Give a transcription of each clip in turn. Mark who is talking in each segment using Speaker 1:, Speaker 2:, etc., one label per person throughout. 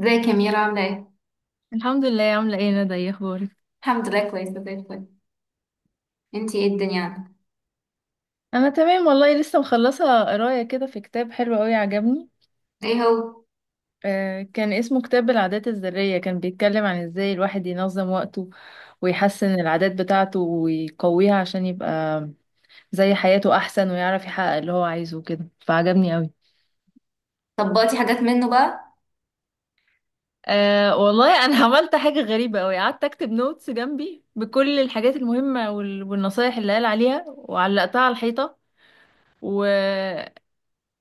Speaker 1: ازيك يا ميرا عاملة ايه؟
Speaker 2: الحمد لله. عاملة ايه يا ندى؟ ايه اخبارك؟
Speaker 1: الحمد لله، كويسة زي الفل. انتي ايه الدنيا عندك؟
Speaker 2: انا تمام والله، لسه مخلصه قرايه كده في كتاب حلو قوي عجبني.
Speaker 1: ايه هو؟
Speaker 2: كان اسمه كتاب العادات الذريه، كان بيتكلم عن ازاي الواحد ينظم وقته ويحسن العادات بتاعته ويقويها عشان يبقى زي حياته احسن ويعرف يحقق اللي هو عايزه كده، فعجبني قوي.
Speaker 1: طبقتي حاجات منه بقى؟
Speaker 2: أه والله انا عملت حاجة غريبة قوي، قعدت اكتب نوتس جنبي بكل الحاجات المهمة والنصايح اللي قال عليها وعلقتها على الحيطة، و...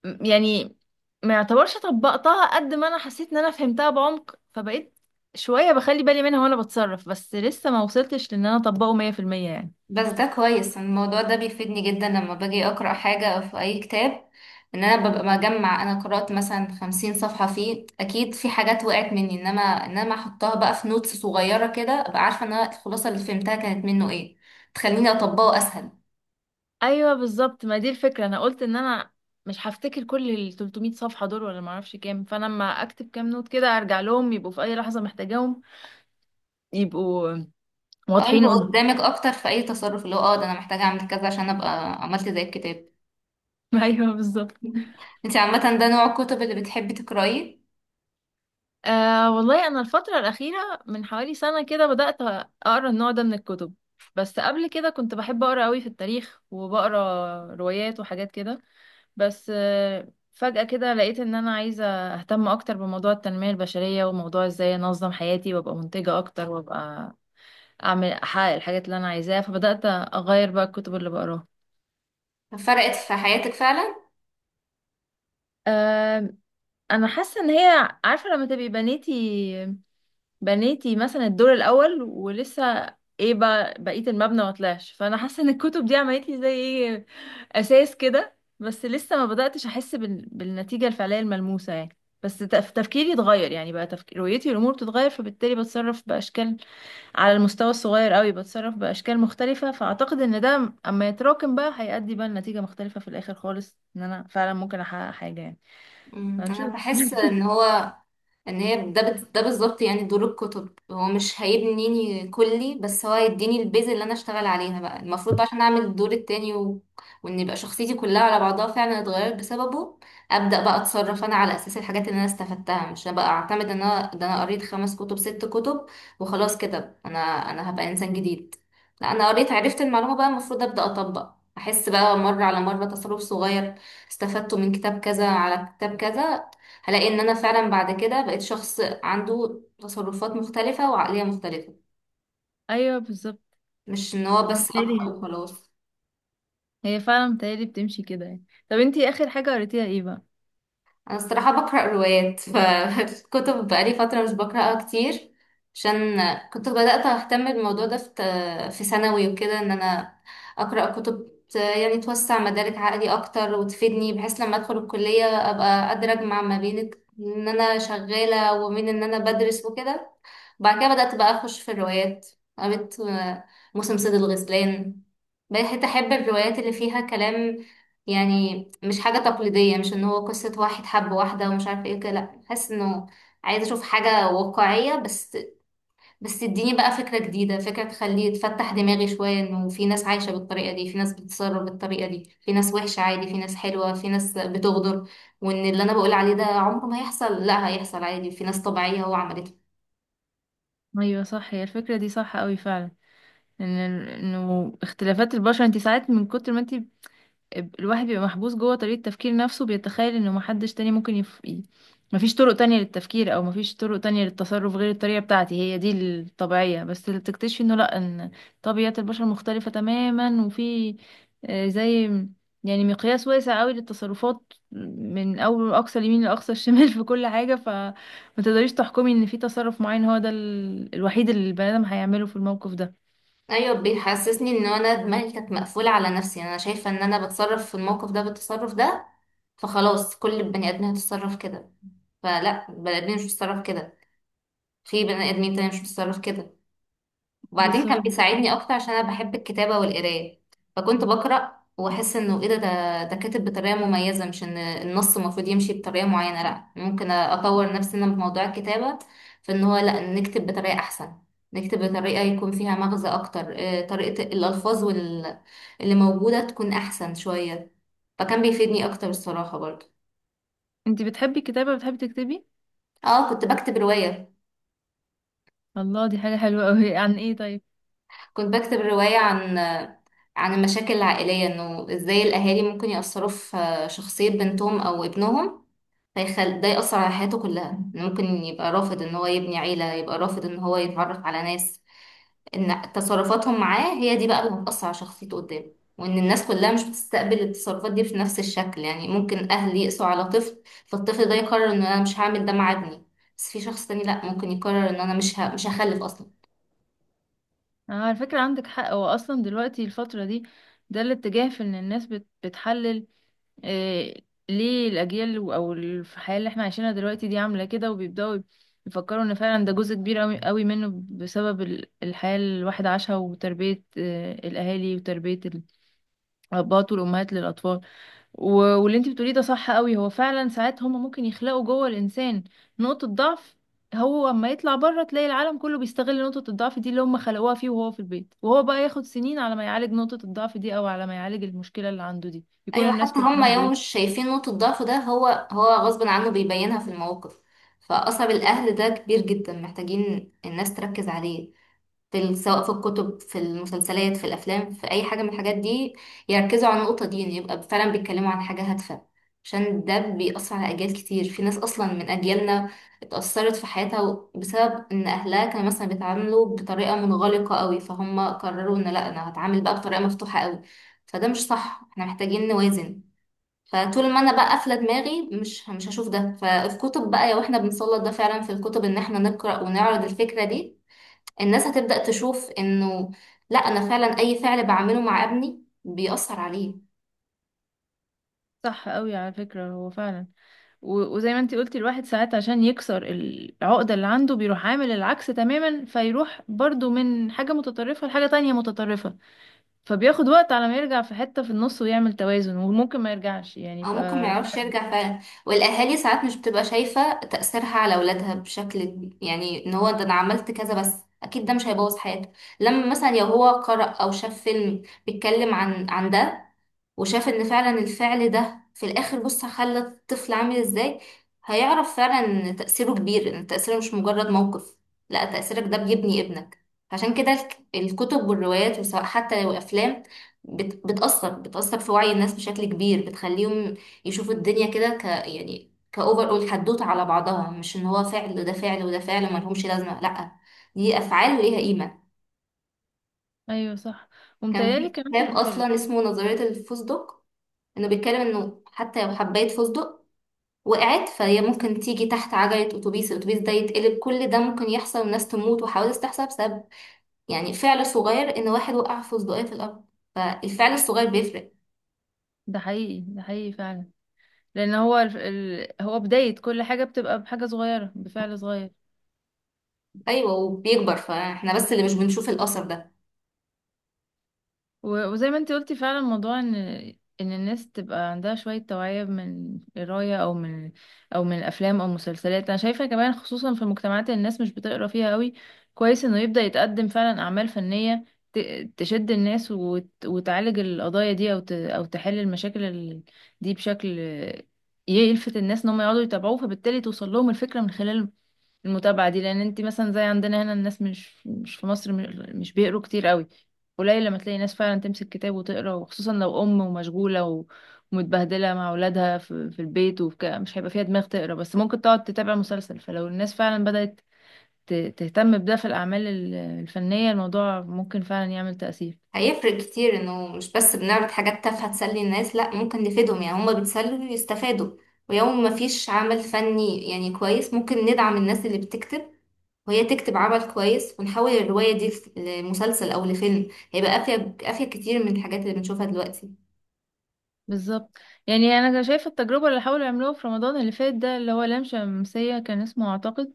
Speaker 2: يعني ما يعتبرش طبقتها قد ما انا حسيت ان انا فهمتها بعمق، فبقيت شوية بخلي بالي منها وانا بتصرف، بس لسه ما وصلتش لان انا اطبقه 100% يعني.
Speaker 1: بس ده كويس، الموضوع ده بيفيدني جدا لما باجي أقرأ حاجة أو في أي كتاب، إن أنا ببقى مجمع. أنا قرأت مثلا 50 صفحة فيه، أكيد في حاجات وقعت مني، إنما أحطها بقى في نوتس صغيرة كده، أبقى عارفة إن أنا الخلاصة اللي فهمتها كانت منه ايه، تخليني أطبقه أسهل.
Speaker 2: ايوه بالظبط، ما دي الفكرة، انا قلت ان انا مش هفتكر كل ال 300 صفحة دول ولا ما اعرفش كام، فانا لما اكتب كام نوت كده ارجع لهم يبقوا في اي لحظة محتاجاهم، يبقوا
Speaker 1: اه،
Speaker 2: واضحين
Speaker 1: يبقى
Speaker 2: قدامي.
Speaker 1: قدامك أكتر في أي تصرف، اللي هو ده، أنا محتاجة أعمل كذا عشان أبقى عملت زي الكتاب.
Speaker 2: ايوه بالظبط.
Speaker 1: انت عامة ده نوع الكتب اللي بتحبي تقرأيه؟
Speaker 2: أه والله أنا الفترة الأخيرة من حوالي سنة كده بدأت أقرأ النوع ده من الكتب. بس قبل كده كنت بحب أقرأ قوي في التاريخ وبقرأ روايات وحاجات كده. بس فجأة كده لقيت إن أنا عايزة أهتم أكتر بموضوع التنمية البشرية وموضوع إزاي أنظم حياتي وأبقى منتجة أكتر، وأبقى أعمل أحقق الحاجات اللي أنا عايزاها، فبدأت أغير بقى الكتب اللي بقراها.
Speaker 1: فرقت في حياتك فعلا؟
Speaker 2: أه أنا حاسة إن هي عارفة، لما تبقي بنيتي مثلا الدور الاول ولسه ايه بقى بقيه المبنى ما طلعش، فانا حاسه ان الكتب دي عملت لي زي ايه، اساس كده، بس لسه ما بداتش احس بالنتيجه الفعليه الملموسه يعني. بس تفكيري اتغير، يعني بقى رؤيتي للامور بتتغير، فبالتالي بتصرف باشكال على المستوى الصغير قوي، بتصرف باشكال مختلفه، فاعتقد ان ده اما يتراكم بقى هيؤدي بقى لنتيجه مختلفه في الاخر خالص، ان انا فعلا ممكن احقق حاجه يعني.
Speaker 1: انا
Speaker 2: هنشوف.
Speaker 1: بحس ان هو، ان هي ده بالظبط، يعني دور الكتب هو مش هيبنيني كلي، بس هو هيديني البيز اللي انا اشتغل عليها بقى المفروض بقى عشان اعمل الدور التاني وان يبقى شخصيتي كلها على بعضها فعلا اتغيرت بسببه. ابدا بقى اتصرف انا على اساس الحاجات اللي انا استفدتها، مش بقى اعتمد ان انا ده، انا قريت خمس كتب ست كتب وخلاص كده، انا هبقى انسان جديد. لا، انا قريت عرفت المعلومه، بقى المفروض ابدا اطبق، احس بقى مره على مره تصرف صغير استفدته من كتاب كذا على كتاب كذا، هلاقي ان انا فعلا بعد كده بقيت شخص عنده تصرفات مختلفة وعقلية مختلفة،
Speaker 2: ايوه بالظبط.
Speaker 1: مش ان هو بس اقرأ
Speaker 2: بالتالي
Speaker 1: وخلاص.
Speaker 2: هي فعلا متهيألي بتمشي كده يعني. طب انتي اخر حاجة قريتيها ايه بقى؟
Speaker 1: انا الصراحه بقرا روايات، فالكتب بقالي فتره مش بقراها كتير. عشان كنت بدات اهتم بالموضوع ده في ثانوي وكده، ان انا اقرا كتب يعني توسع مدارك عقلي اكتر وتفيدني، بحيث لما ادخل الكليه ابقى قادره اجمع ما بين ان انا شغاله وبين ان انا بدرس وكده. بعد كده بدات بقى اخش في الروايات، قريت موسم صيد الغزلان، بقيت احب الروايات اللي فيها كلام، يعني مش حاجة تقليدية، مش ان هو قصة واحد حب واحدة ومش عارفة ايه كده، لا حاسس انه عايزة اشوف حاجة واقعية، بس بس تديني بقى فكرة جديدة، فكرة تخليه تفتح دماغي شوية، انه في ناس عايشة بالطريقة دي، في ناس بتتصرف بالطريقة دي، في ناس وحشة عادي، في ناس حلوة، في ناس بتغدر، وان اللي انا بقول عليه ده عمره ما هيحصل، لا هيحصل عادي، في ناس طبيعية هو عملته.
Speaker 2: ايوه صح، هي الفكرة دي صح قوي فعلا، ان انه اختلافات البشر، انتي ساعات من كتر ما انتي الواحد بيبقى محبوس جوه طريقة تفكير نفسه، بيتخيل انه محدش تاني ممكن مفيش طرق تانية للتفكير، او مفيش طرق تانية للتصرف غير الطريقة بتاعتي هي دي الطبيعية، بس اللي بتكتشفي انه لا، ان طبيعة البشر مختلفة تماما، وفي زي يعني مقياس واسع قوي للتصرفات من اول اقصى اليمين لاقصى الشمال في كل حاجة، فما تقدريش تحكمي ان في تصرف معين هو ده الوحيد اللي البني ادم هيعمله في الموقف ده.
Speaker 1: ايوه، بيحسسني ان انا دماغي كانت مقفولة على نفسي، يعني انا شايفة ان انا بتصرف في الموقف ده بالتصرف ده، فخلاص كل البني ادمين هتتصرف كده. فلا، البني ادمين مش بتتصرف كده، في بني ادمين تاني مش بتتصرف كده. وبعدين
Speaker 2: بالظبط.
Speaker 1: كان بيساعدني اكتر عشان انا بحب الكتابه والقرايه. فكنت بقرا واحس انه ايه ده كاتب بطريقه مميزه، مش ان النص المفروض يمشي بطريقه معينه، لا ممكن اطور نفسي انا في موضوع الكتابه، في ان هو لا، نكتب بطريقه احسن، نكتب بطريقه يكون فيها مغزى اكتر، طريقه الالفاظ اللي موجوده تكون احسن شويه، فكان بيفيدني اكتر الصراحه برضه.
Speaker 2: انتي بتحبي الكتابة، بتحبي تكتبي؟
Speaker 1: اه،
Speaker 2: الله، دي حاجة حلوة أوي. عن ايه طيب؟
Speaker 1: كنت بكتب روايه عن المشاكل العائلية، انه ازاي الاهالي ممكن يأثروا في شخصية بنتهم او ابنهم، ده يأثر على حياته كلها، إنه ممكن يبقى رافض ان هو يبني عيلة، يبقى رافض ان هو يتعرف على ناس، ان تصرفاتهم معاه هي دي بقى اللي هتأثر على شخصيته قدام. وان الناس كلها مش بتستقبل التصرفات دي في نفس الشكل، يعني ممكن اهل يقسوا على طفل فالطفل ده يقرر ان انا مش هعمل ده مع ابني، بس في شخص تاني لا، ممكن يقرر ان انا مش هخلف اصلا.
Speaker 2: أنا على فكرة عندك حق، هو أصلا دلوقتي الفترة دي ده الاتجاه، في إن الناس بتحلل إيه ليه الأجيال أو الحياة اللي احنا عايشينها دلوقتي دي عاملة كده، وبيبدأوا يفكروا إن فعلا ده جزء كبير أوي أوي منه بسبب الحياة اللي الواحد عاشها، وتربية الأهالي وتربية الأباء والأمهات للأطفال، و... واللي انت بتقوليه ده صح قوي. هو فعلا ساعات هما ممكن يخلقوا جوه الانسان نقطة ضعف، هو اما يطلع بره تلاقي العالم كله بيستغل نقطة الضعف دي اللي هما خلقوها فيه وهو في البيت، وهو بقى ياخد سنين على ما يعالج نقطة الضعف دي او على ما يعالج المشكلة اللي عنده دي، يكون
Speaker 1: ايوه،
Speaker 2: الناس
Speaker 1: حتى
Speaker 2: كلها
Speaker 1: هم يوم
Speaker 2: بهدلت.
Speaker 1: مش شايفين نقطة ضعفه ده، هو هو غصب عنه بيبينها في المواقف. فأثر الأهل ده كبير جدا، محتاجين الناس تركز عليه في، سواء في الكتب، في المسلسلات، في الأفلام، في أي حاجة من الحاجات دي، يركزوا على النقطة دي إن يبقى فعلا بيتكلموا عن حاجة هادفة. عشان ده بيأثر على أجيال كتير، في ناس أصلا من أجيالنا اتأثرت في حياتها بسبب إن أهلها كانوا مثلا بيتعاملوا بطريقة منغلقة قوي، فهم قرروا إن لأ، أنا هتعامل بقى بطريقة مفتوحة قوي، فده مش صح، احنا محتاجين نوازن. فطول ما انا بقى قافله دماغي مش هشوف ده، فالكتب بقى لو احنا بنسلط ده فعلا في الكتب ان احنا نقرا ونعرض الفكره دي، الناس هتبدا تشوف انه لا، انا فعلا اي فعل بعمله مع ابني بيأثر عليه.
Speaker 2: صح قوي على فكرة، هو فعلا. وزي ما انت قلتي، الواحد ساعات عشان يكسر العقدة اللي عنده بيروح عامل العكس تماما، فيروح برضو من حاجة متطرفة لحاجة تانية متطرفة، فبياخد وقت على ما يرجع في حتة في النص ويعمل توازن، وممكن ما يرجعش، يعني
Speaker 1: او ممكن ما يعرفش
Speaker 2: فعلا.
Speaker 1: يرجع فعلا. والاهالي ساعات مش بتبقى شايفه تأثيرها على اولادها بشكل كبير، يعني ان هو ده، انا عملت كذا بس، اكيد ده مش هيبوظ حياته. لما مثلا لو هو قرأ او شاف فيلم بيتكلم عن ده، وشاف ان فعلا الفعل ده في الاخر، بص خلى الطفل عامل ازاي، هيعرف فعلا ان تأثيره كبير، ان تأثيره مش مجرد موقف، لا تأثيرك ده بيبني ابنك. عشان كده الكتب والروايات، وسواء حتى لو افلام، بتأثر في وعي الناس بشكل كبير، بتخليهم يشوفوا الدنيا كده، يعني كأوفر أول حدوتة على بعضها، مش ان هو فعل وده فعل وده فعل وملهمش لازمة، لا دي أفعال وليها قيمة.
Speaker 2: ايوه صح.
Speaker 1: كان
Speaker 2: ومتهيألي
Speaker 1: في كتاب
Speaker 2: كمان.
Speaker 1: أصلا اسمه نظرية الفوزدوك، انه بيتكلم انه حتى لو حباية فستق وقعت، فهي ممكن تيجي تحت عجلة اتوبيس، الاتوبيس ده يتقلب، كل ده ممكن يحصل والناس تموت وحوادث تحصل بسبب، يعني فعل صغير ان واحد وقع فستقية في الارض، فالفعل الصغير بيفرق.
Speaker 2: ده حقيقي، ده حقيقي فعلا، لان هو بداية كل حاجة بتبقى بحاجة صغيرة، بفعل صغير.
Speaker 1: ايوه، وبيكبر، فاحنا بس اللي مش بنشوف الاثر ده.
Speaker 2: وزي ما انت قلتي فعلا، موضوع ان الناس تبقى عندها شوية توعية من قراية، او من، الافلام او مسلسلات، انا شايفة كمان خصوصا في المجتمعات اللي الناس مش بتقرا فيها قوي، كويس انه يبدأ يتقدم فعلا اعمال فنية تشد الناس وتعالج القضايا دي، او تحل المشاكل دي بشكل يلفت الناس ان هم يقعدوا يتابعوه، فبالتالي توصل لهم الفكرة من خلال المتابعة دي، لان انت مثلا زي عندنا هنا، الناس مش في مصر مش بيقروا كتير قوي، قليل لما تلاقي ناس فعلا تمسك كتاب وتقرا، وخصوصا لو ام ومشغوله ومتبهدله مع اولادها في البيت، مش هيبقى فيها دماغ تقرا، بس ممكن تقعد تتابع مسلسل، فلو الناس فعلا بدأت تهتم بده في الاعمال الفنيه، الموضوع ممكن فعلا يعمل تأثير.
Speaker 1: هيفرق كتير انه مش بس بنعرض حاجات تافهة تسلي الناس، لا ممكن نفيدهم، يعني هما بيتسلوا ويستفادوا. ويوم ما فيش عمل فني يعني كويس، ممكن ندعم الناس اللي بتكتب وهي تكتب عمل كويس، ونحول الرواية دي لمسلسل أو لفيلم، هيبقى أفيد، أفيد كتير من الحاجات اللي بنشوفها دلوقتي.
Speaker 2: بالظبط. يعني انا شايفه التجربه اللي حاولوا يعملوها في رمضان اللي فات ده، اللي هو لام شمسيه كان اسمه اعتقد.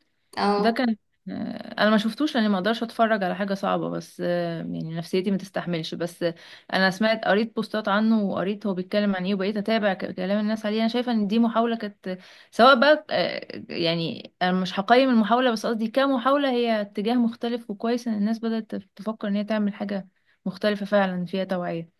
Speaker 2: ده
Speaker 1: اه،
Speaker 2: كان، انا ما شفتوش لاني ما اقدرش اتفرج على حاجه صعبه، بس يعني نفسيتي ما تستحملش، بس انا سمعت، قريت بوستات عنه، وقريت هو بيتكلم عن ايه، وبقيت اتابع كلام الناس عليه، انا شايفه ان دي محاوله كانت، سواء بقى يعني انا مش هقيم المحاوله، بس قصدي كمحاوله، هي اتجاه مختلف، وكويس ان الناس بدات تفكر ان هي تعمل حاجه مختلفه فعلا فيها توعيه.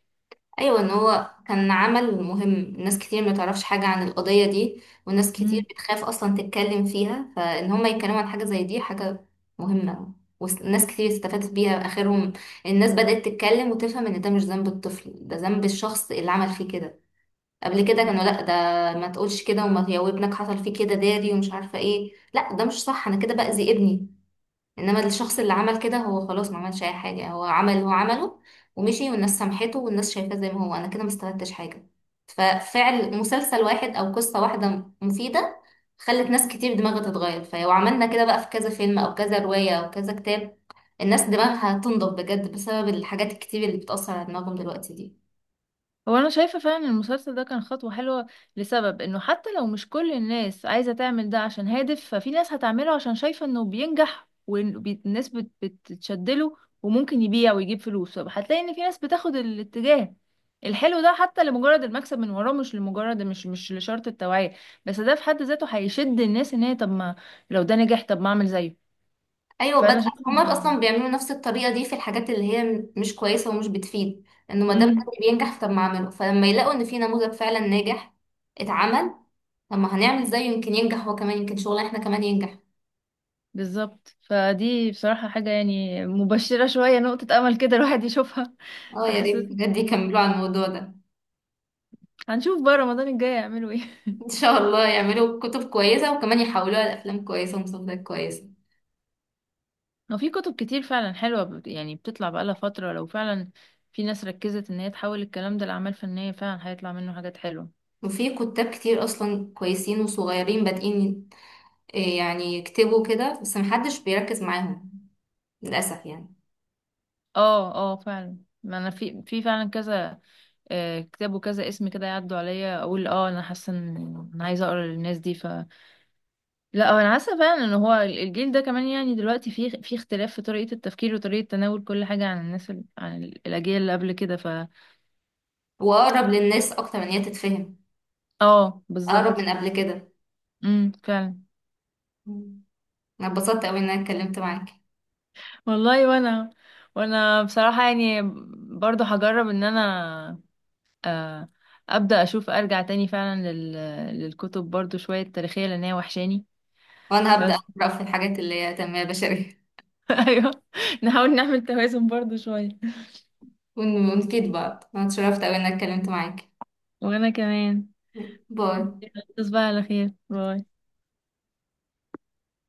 Speaker 1: أيوة، إن هو كان عمل مهم. ناس كتير ما تعرفش حاجة عن القضية دي، وناس كتير بتخاف أصلا تتكلم فيها، فإن هما يتكلموا عن حاجة زي دي حاجة مهمة. وناس كتير استفادت بيها، آخرهم الناس بدأت تتكلم وتفهم إن ده مش ذنب الطفل، ده ذنب الشخص اللي عمل فيه كده. قبل كده كانوا لا، ده ما تقولش كده، وما، يا ابنك حصل فيه كده داري، ومش عارفه ايه، لا ده مش صح، انا كده باذي ابني. انما الشخص اللي عمل كده هو خلاص ما عملش اي حاجه، هو عمل اللي هو عمله ومشي، والناس سامحته والناس شايفاه زي ما هو، انا كده ما استفدتش حاجه. ففعل مسلسل واحد او قصه واحده مفيده خلت ناس كتير دماغها تتغير، فلو عملنا كده بقى في كذا فيلم او كذا روايه او كذا كتاب، الناس دماغها تنضب بجد بسبب الحاجات الكتير اللي بتأثر على دماغهم دلوقتي دي.
Speaker 2: هو انا شايفه فعلا إن المسلسل ده كان خطوه حلوه، لسبب انه حتى لو مش كل الناس عايزه تعمل ده عشان هادف، ففي ناس هتعمله عشان شايفه انه بينجح والناس بتتشدله وممكن يبيع ويجيب فلوس، فهتلاقي ان في ناس بتاخد الاتجاه الحلو ده حتى لمجرد المكسب من وراه، مش لمجرد، مش لشرط التوعية، بس ده في حد ذاته هيشد الناس ان هي طب ما، لو ده نجح طب ما اعمل زيه.
Speaker 1: ايوه
Speaker 2: فانا
Speaker 1: بدأ،
Speaker 2: شايفه.
Speaker 1: هما اصلا بيعملوا نفس الطريقه دي في الحاجات اللي هي مش كويسه ومش بتفيد، انه ما دام ده
Speaker 2: مم.
Speaker 1: اللي بينجح طب ما اعمله، فلما يلاقوا ان في نموذج فعلا ناجح اتعمل، طب ما هنعمل زيه يمكن ينجح هو كمان، يمكن شغلنا احنا كمان ينجح.
Speaker 2: بالظبط، فدي بصراحة حاجة يعني مبشرة شوية، نقطة أمل كده الواحد يشوفها.
Speaker 1: اه، يا
Speaker 2: تحسس.
Speaker 1: ريت بجد
Speaker 2: آه.
Speaker 1: يكملوا على الموضوع ده.
Speaker 2: هنشوف بقى رمضان الجاي يعملوا ايه.
Speaker 1: ان شاء الله يعملوا كتب كويسه وكمان يحولوها لافلام كويسه ومسلسلات كويسه.
Speaker 2: هو في كتب كتير فعلا حلوة يعني بتطلع بقالها فترة، لو فعلا في ناس ركزت ان هي تحول الكلام ده لأعمال فنية، فعلا هيطلع منه حاجات حلوة.
Speaker 1: وفي كتاب كتير اصلا كويسين وصغيرين بادئين إيه، يعني يكتبوا كده، بس محدش بيركز معاهم للاسف يعني.
Speaker 2: اه اه فعلا. ما انا في فعلا كذا كتاب وكذا اسم كده يعدوا عليا، اقول اه انا حاسة ان انا عايزة اقرا للناس دي. لا هو انا حاسه فعلا ان هو الجيل ده كمان، يعني دلوقتي في اختلاف في طريقه التفكير وطريقه تناول كل حاجه عن الناس ال... عن ال- الاجيال اللي قبل كده
Speaker 1: واقرب للناس اكتر من هي تتفهم،
Speaker 2: اه
Speaker 1: اقرب من
Speaker 2: بالظبط.
Speaker 1: قبل كده.
Speaker 2: فعلا.
Speaker 1: مم. انا اتبسطت قوي ان انا اتكلمت معاك.
Speaker 2: والله وانا بصراحه يعني برضو هجرب ان انا، آه، ابدا اشوف ارجع تاني فعلا للكتب برضو شويه تاريخيه لان هي وحشاني.
Speaker 1: وانا هبدأ
Speaker 2: بس
Speaker 1: اقرأ في الحاجات اللي هي تنمية بشرية.
Speaker 2: ايوه، نحاول نعمل توازن برضو شويه.
Speaker 1: ونفيد بعض. انا اتشرفت قوي ان انا اتكلمت معاك.
Speaker 2: وانا كمان.
Speaker 1: باي.
Speaker 2: تصبح على خير، باي.